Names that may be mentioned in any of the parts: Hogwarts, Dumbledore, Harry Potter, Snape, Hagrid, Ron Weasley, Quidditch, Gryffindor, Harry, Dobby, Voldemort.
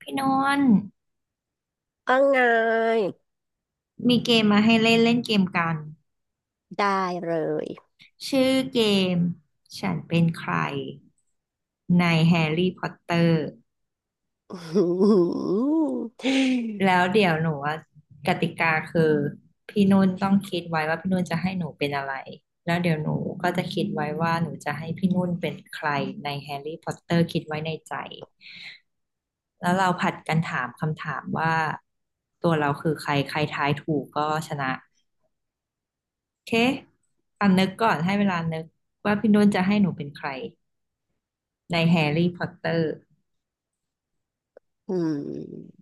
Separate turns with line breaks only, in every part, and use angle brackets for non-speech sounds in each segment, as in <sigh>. พี่นนท์
ว่าไง
มีเกมมาให้เล่นเล่นเกมกัน
ได้เลย
ชื่อเกมฉันเป็นใครในแฮร์รี่พอตเตอร์
<laughs> อืม
แล้วเดี๋ยวหนูว่ากติกาคือพี่นุ่นต้องคิดไว้ว่าพี่นุ่นจะให้หนูเป็นอะไรแล้วเดี๋ยวหนูก็จะคิดไว้ว่าหนูจะให้พี่นุ่นเป็นใครในแฮร์รี่พอตเตอร์คิดไว้ในใจแล้วเราผัดกันถามคำถามว่าตัวเราคือใครใครทายถูกก็ชนะ เคตอนนึกก่อนให้เวลานึกว่าพี่นุ่นจะให้หนูเป็นใครในแฮร์รี่พอตเตอร์
อืม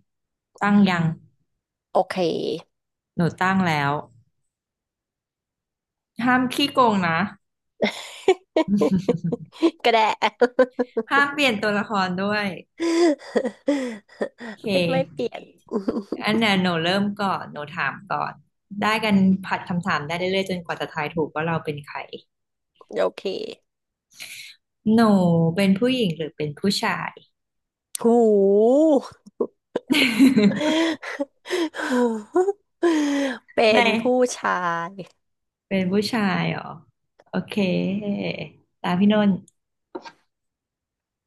ตั้งยัง
โอเค
หนูตั้งแล้วห้ามขี้โกงนะ
<laughs> ก็ได้ <laughs>
ห้ามเปลี่ยนตัวละครด้วยโอเค
ไม่ไม่เปลี่ยน
อันเนี้ยหนูเริ่มก่อนหนูถามก่อนได้กันผัดคำถามได้เรื่อยๆจนกว่าจะทายถูกว่าเราเป็นใคร
<laughs> โอเค
หนูเป็นผู้หญิงหรือเป็นผู้ชาย
หู <laughs> หูเป็
<laughs> ใน
นผู้ชาย
เป็นผู้ชายเหรอโอเคตามพี่นุ่นท์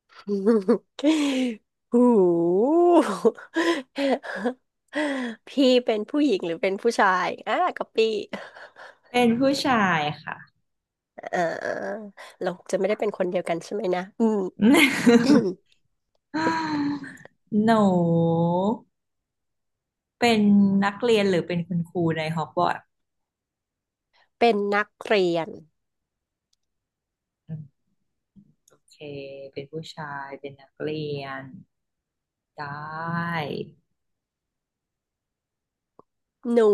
<laughs> หูพี่เป็นผู้หญิงหรือเป็นผู้ชายอ่ะก๊อปปี้
เป็นผู้ชายค่ะ
เออเราจะไม่ได้เป็นคนเดียวกันใช่ไหมนะอืม
<laughs>
<coughs>
<laughs> หนูเป็นนักเรียนหรือเป็นคุณครูในฮอกวอตส์
เป็นนักเรียน
อืมโอเคเป็นผู้ชายเป็นนักเรียนได้
หนู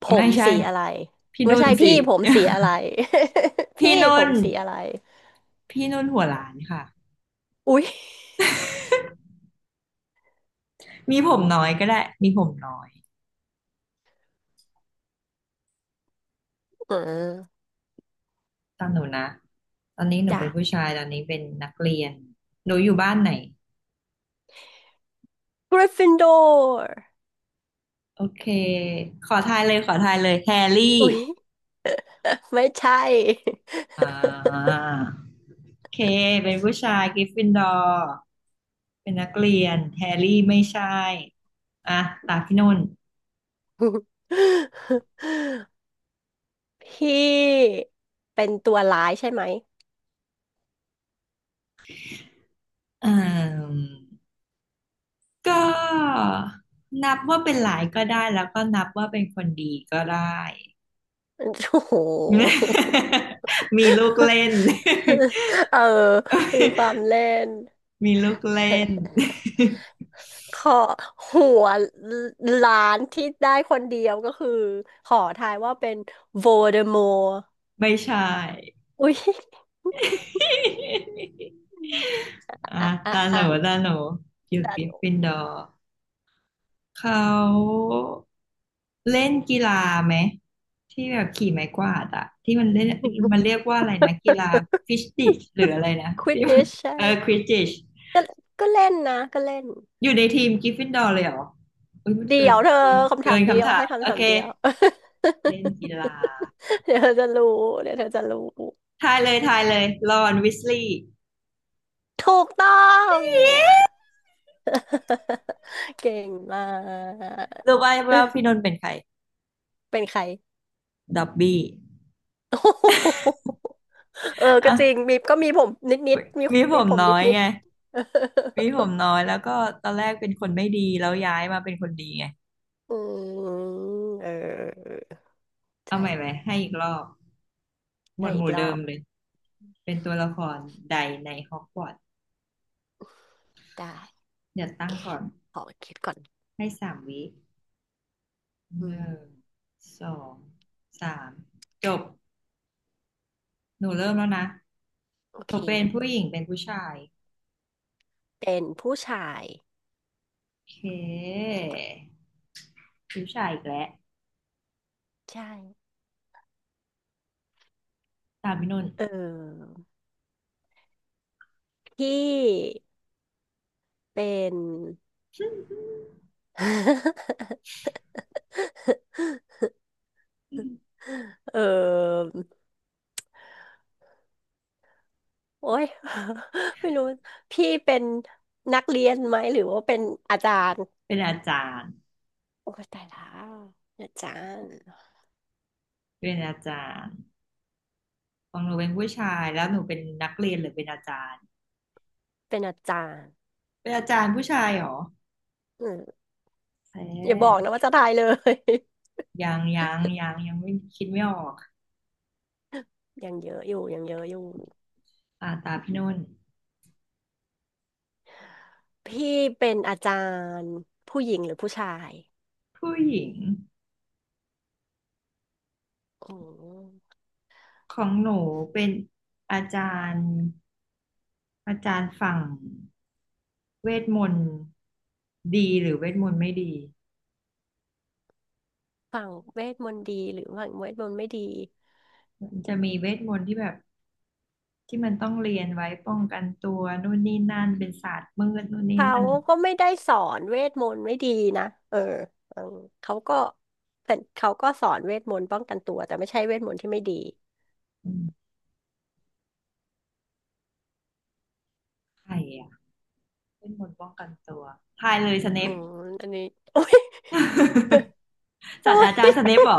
ผ
ไม่
ม
ใช่
สีอะไร
พี่
ไม่
นุ่น
ใช่
สิ
พี่ผม
<laughs>
สีอะไร <laughs>
พี่
พี่ผ
นุ่น
มสีอะไร
พี่นุ่นหัวล้านค่ะ
อุ๊ย
มีผมน้อยก็ได้มีผมน้อย
เออ
ตามหนูนะตอนนี้หนู
จ้ะ
เป็นผู้ชายตอนนี้เป็นนักเรียนหนูอยู่บ้านไหน
กริฟฟินดอร์
โอเคขอทายเลยขอทายเลยแฮร์รี่
อุ๊ยไม่ใช่
อ่า เคเป็นผู้ชายกริฟฟินดอร์เป็นนักเรียนแฮร์รี่ไม่ใช่อ่ะตาพี่นุ่น
<laughs> พี่เป็นตัวร้ายใช่ไหม
เอ่มก็นับว่าเป็นหลายก็ได้แล้วก็นับว่าเป็นคนดีก็ได้
โอ้โห
<laughs> มีลูกเล่
<laughs>
น <laughs>
เออมีความเล่น
มีลูกเล่น
<laughs> ขอหัวล้านที่ได้คนเดียวก็คือขอทายว่าเป็นโวเดมอร์
<laughs> ไม่ใช่
อุ้ย
<laughs>
<laughs>
อ่ะ
อ่ะอ่ะ
ตาหนู
อ่ะ
ตาหนูอยู่ก
จา
ริ
ห
ฟฟิ
น
นดอร์ เขาเล่นกีฬาไหมที่แบบขี่ไม้กวาดอะที่มันเล่นมัน
ก
เรียกว่าอะไรนะกีฬาฟิชติชหรืออะไรนะ
ควิด
ที่มั
ดิ
น
ช <laughs> ใช่
เออควิดิช
ก็ก็เล่นนะก็เล่น
อยู่ในทีมกริฟฟินดอร์เลยเหรอเุ้ยมัน
เดี๋
เกิ
ย
น
วเธอ
เออ
คำถา
เกิ
ม
น
เดีย
คำ
ว
ถา
ให้
มโอ
คำถาม
เค
เดียว
เล่นกีฬา
<laughs> เดี๋ยวเธอจะรู้เดี๋ยวเธอจะรู้
ทายเลยทายเลยรอนวิสลีย์
ถูกต้อง <laughs> เก่งมาก
รู้ไหมว่าพี่นนท์เป็นใคร
เป็นใคร
ดับบี้
<laughs> โอ้โหเออก็จริง
อ่ะ
มีก็มีผมนิดนิดมี
มีผ
มี
ม
ผม
น้
นิ
อ
ด
ย
นิด
ไง
<laughs>
มีผมน้อยแล้วก็ตอนแรกเป็นคนไม่ดีแล้วย้ายมาเป็นคนดีไง
อืมเออ
เอาใหม่ไหม
ใช่
ให้อีกรอบหมว
ได้
ดห
อีก
มู่
ร
เดิ
อ
ม
บ
เลยเป็นตัวละครใดในฮอกวอตส์
ได้
เดี๋ยวตั้งก่อน
ขอคิดก่อน
ให้สามวิห
อืม
นึ่งสองสามจบหนูเริ่มแล้วนะ
โอ
ห
เค
นูเป็นผู้หญิงเป็นผู้ชาย
เป็นผู้ชาย
โอเคผู้ชายอีกแล้ว
ใช่
ตามพี่นุ่น
เออ พี่เป็น <laughs> เออ โอ๊ย <laughs> ไม่รู้ พี่เป็นนักเรียนไหมหรือว่าเป็นอาจารย์
เป็นอาจารย์
โอ้ยตายแล้วอาจารย์
เป็นอาจารย์ของหนูเป็นผู้ชายแล้วหนูเป็นนักเรียนหรือเป็นอาจารย์
เป็นอาจารย์
เป็นอาจารย์ผู้ชายเหรอ
อืม
แพ
อย่าบอกนะ
้
ว่าจะตายเลย
ยังไม่คิดไม่ออก
<laughs> ยังเยอะอยู่ยังเยอะอยู่
อ่าตาพี่นุ่น
พี่เป็นอาจารย์ผู้หญิงหรือผู้ชาย
ผู้หญิง
อืม
ของหนูเป็นอาจารย์อาจารย์ฝั่งเวทมนต์ดีหรือเวทมนต์ไม่ดี
ฝั่งเวทมนต์ดีหรือฝั่งเวทมนต์ไม่ดี
มันจะมีเวทมนต์ที่แบบที่มันต้องเรียนไว้ป้องกันตัวนู่นนี่นั่นเป็นศาสตร์มืดนู่นนี่
เขา
นั่น
ก็ไม่ได้สอนเวทมนต์ไม่ดีนะเออเออเขาก็เขาก็สอนเวทมนต์ป้องกันตัวแต่ไม่ใช่เวทมนต์ที่ไม่ดี
อืมใครอะเวทมนต์ป้องกันตัวทายเลยสเน
อื
ป <laughs>
มอันนี้โอ้ย <laughs> โอ้
ศาสตรา
ย
จารย์สเนปเหรอ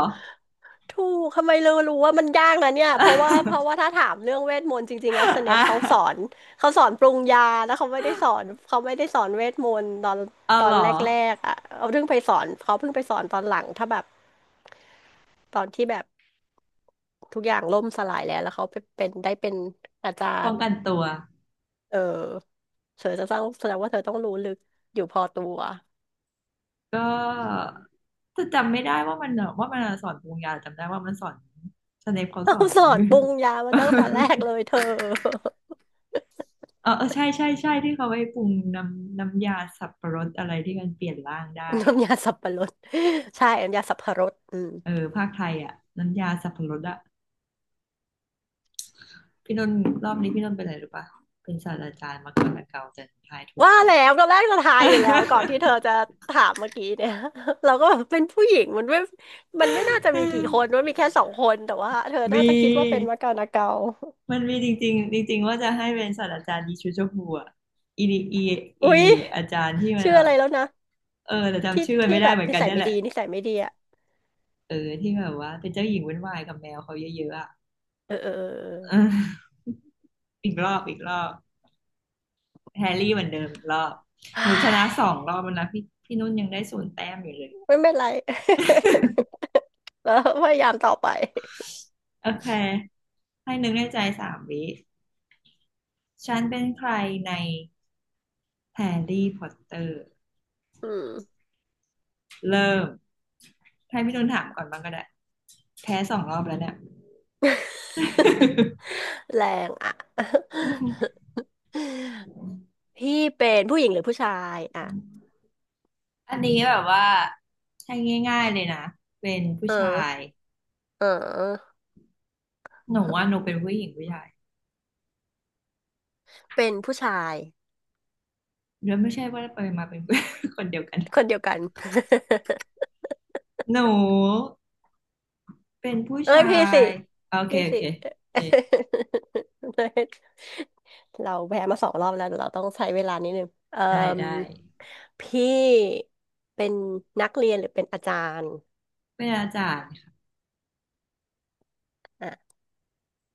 ถูกทำไมเรารู้ว่ามันยากนะเนี่ยเพราะว่าเพราะ
<laughs>
ว่าถ้าถามเรื่องเวทมนต์จริงๆแล้วสเน
อ่ะ
ปเขาสอนเขาสอนปรุงยาแล้วเขาไม่ได้สอนเขาไม่ได้สอนเวทมนต์ตอน
<laughs> เอา
ตอ
เหร
น
อ
แรกๆอ่ะเขาเพิ่งไปสอนเขาเพิ่งไปสอนตอนหลังถ้าแบบตอนที่แบบทุกอย่างล่มสลายแล้วแล้วเขาไปเป็นได้เป็นอาจา
ป้อ
ร
ง
ย์
กันตัว
เออเธอจะต้องแสดงว่าเธอต้องรู้ลึกอยู่พอตัว
ก็จะจำไม่ได้ว่ามันอะว่ามันสอนปรุงยาจำได้ว่ามันสอนสเนปเขาส
เขา
อน
ส
<laughs>
อน
ไม่
ปรุงยา
<laughs> เ
มาตั้งแต่แรก
อ
เลยเธอ
อใช่ที่เขาไปปรุงน้ำยาสับปะรดอะไรที่มันเปลี่ยนร่างได้
<laughs>
อ่ะ
น้ำยาสับปะรดใช่น้ำยาสับปะรดอืม
เออภาคไทยอ่ะน้ำยาสับปะรดอ่ะพี่นนท์รอบนี้พี่นนท์เป็นอะไรหรู้ปะเป็นศาสตราจารย์มาก่อนละเกาแต่ทายถูก
ว่า
ก่อน
แล้วตอนแรกเราทายอยู่แล้วก่อนที่เธอจะถามเมื่อกี้เนี่ย <laughs> เราก็แบบเป็นผู้หญิงมันไม่น่าจะมีกี่คนมันมี
<laughs>
แค่สองคนแต่ว่าเธอ
ม
น่าจะคิดว่าเป็น
ี
มะกานาเกา
มันมีจริงๆจริงๆว่าจะให้เป็นศาสตราจารย์ยีชูโชฮัออีดีอี
<laughs>
อี
อุ๊ย
อาจารย์ที่มัน
ชื่อ
แบ
อะ
บ
ไรแล้วนะ
เออแต่จำ
ที่
ชื่อมัน
ที่
ไม่ได้
แบบ
เหมือน
นิ
กัน
สัย
นั่น
ไม่
แหละ
ดีนิสัยไม่ดีอ่ะ
เออที่แบบว่าเป็นเจ้าหญิงวุ่นวายกับแมวเขาเยอะๆอ่ะ
เออเออเอ
<laughs> เ
อ
อออีกรอบอีกรอบแฮร์รี่เหมือนเดิมอีกรอบ
เอ
หนูชนะสอ
อ
งรอบแล้วนะพี่นุ่นยังได้ศูนย์แต้มอยู่เลย
<sighs> เฮ้ยไม่เป็นไร <laughs> แล้วพยายามต่อไป
โอเคให้นึกในใจสามวิฉันเป็นใครในแฮร์รี่พอตเตอร์
อืม
เริ่มให้พี่นุ่นถามก่อนบ้างก็ได้แพ้สองรอบแล้วเนี่ย
<laughs> แรงอ่ะ <laughs> พี่เป็นผู้หญิงหรือผู้ชายอ่ะ
อันนี้แบบว่าให้ง่ายๆเลยนะเป็นผู้
เอ
ชาย
อเออ
หนูว่าหนูเป็นผู้หญิงผู้ชาย
เป็นผู้ชาย
แล้วไม่ใช่ว่าไปมาเป็น <laughs> คนเดียวกัน
คนเดียวกัน <laughs>
หนูเป็นผู้
เอ้ย
ชา
พี่สิ
ยโอเค
พี่
โอ
สิ
เคโอเค
<laughs> เราแพ้มาสองรอบแล้วเดี๋ยวเราต้องใช้เวลานิดนึงเอ่
ได้
ม
ได้
พี่เป็นนักเรียนหรือเป็นอาจารย์
เป็นอาจารย์ค่ะ
อ่ะ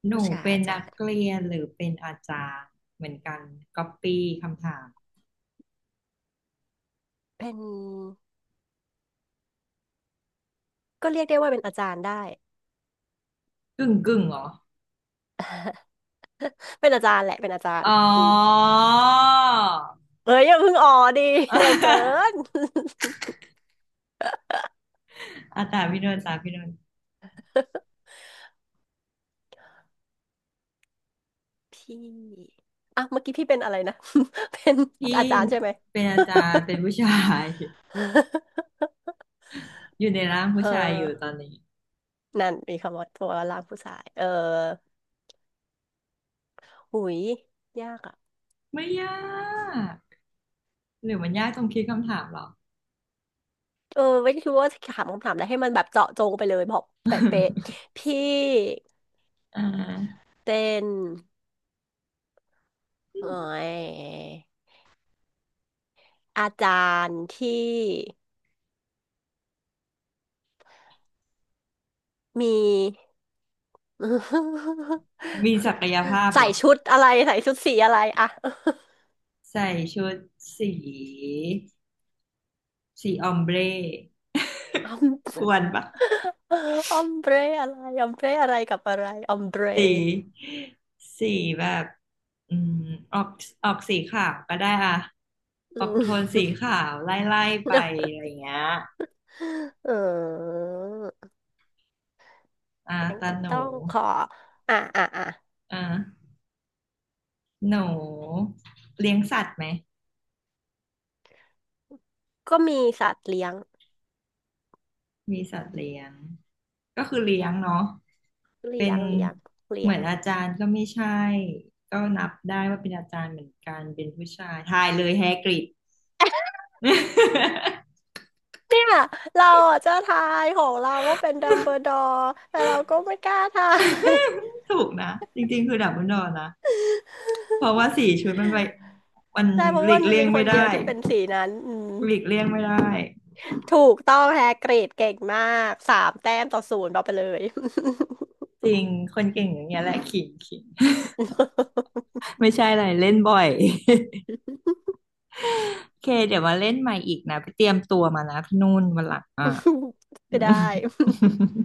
ห
ผู้
นู
ชาย
เป็น
อา
นั
จา
ก
รย์
เรียนหรือเป็นอาจารย์เหมือนกันก๊อปปี้คำถาม
เป็นก็เรียกได้ว่าเป็นอาจารย์ได้
กึ่งกึ่งเหรอ
<laughs> เป็นอาจารย์แหละเป็นอาจารย์
อ๋อ
อืมเอ้ยอย่าเพิ่งอ๋อดีเร็วเกิน <laughs>
อาจารย์พี่นนท์อาจารย์พี่นนท์
พี่อ่ะเมื่อกี้พี่เป็นอะไรนะ <laughs> เป็น
พี่
อาจารย์ใช่ไหม
เป็นอาจารย์เป็น
<laughs>
ผู้ชาย
<laughs>
อยู่ในร่างผู้
เอ
ชายอยู่ตอ
อ
นนี้
นั่นมีคำว่าตัวร่างผู้ชายเออหุยยากอ่ะ
ไม่ยากหรือมันยากตรงคิดคำถามเหรอ
เออไม่ได้คิดว่าจะถามคำถามอะไรให้มันแบบเจาะจงไปเลยบอกเป๊ะ
<laughs>
ๆพี่
อ่า <laughs>
เป็นเอ่อยอาจารย์ที่มี <laughs>
มีศักยภาพเหร
ใส่
อ
ชุดอะไรใส่ชุดสีอะไรอะ <laughs>
ใส่ชุดสีสีออมเบร
อม
กวนปะ
อมเบรอะไรอมเบรอะไรกับอะไรอมเบร
สีสีแบบอืมออกออกสีขาวก็ได้อ่ะอ
อื
อกโทน
ม
สีขาวไล่ไปอะไรอย่างเงี้ย
เออ
อ่า
งั้น
ตา
ก็
หนู
ต้องขออ่ะอ่ะอ่ะ
อ่าหนูเลี้ยงสัตว์ไหม
ก็มีสัตว์เลี้ยง
มีสัตว์เลี้ยงก็คือเลี้ยงเนาะ
เลี้
เป็
ย
น
ง เลี้ยงเลี้
เห
ย
มื
ง
อนอาจารย์ก็ไม่ใช่ก็นับได้ว่าเป็นอาจารย์เหมือนกันเป็นผู้ชายทายเลยแฮกริด
เนี่ยเราอ่ะจะทายของเราว่าเป็นดัมเบิลดอร์แต่เราก็ไม่กล้าทาย
<laughs> ถูกนะจริงๆคือดับเบิลดอร์นะเพราะว่าสี่
<laughs>
ชุดมันไปมัน
ใช่เพ
ห
ราะ
ลี
ว่า
ก
มัน
เลี่ย
มี
ง
ค
ไม่
นเดียว
ได้
ที่เป็นสีนั้นอืม
หลีกเลี่ยงไม่ได้
ถูกต้องแฮกรีดเก่งมากสามแต้มต่อศูนย์เอาไปเลย
จริงคนเก่งอย่างเงี้ยแหละขิงขิง <laughs> ไม่ใช่อะไรเล่นบ่อย <laughs> โอเคเดี๋ยวมาเล่นใหม่อีกนะไปเตรียมตัวมานะพี่นุ่นวันหลังอ่ะ
<laughs> ไม่ได้
<laughs>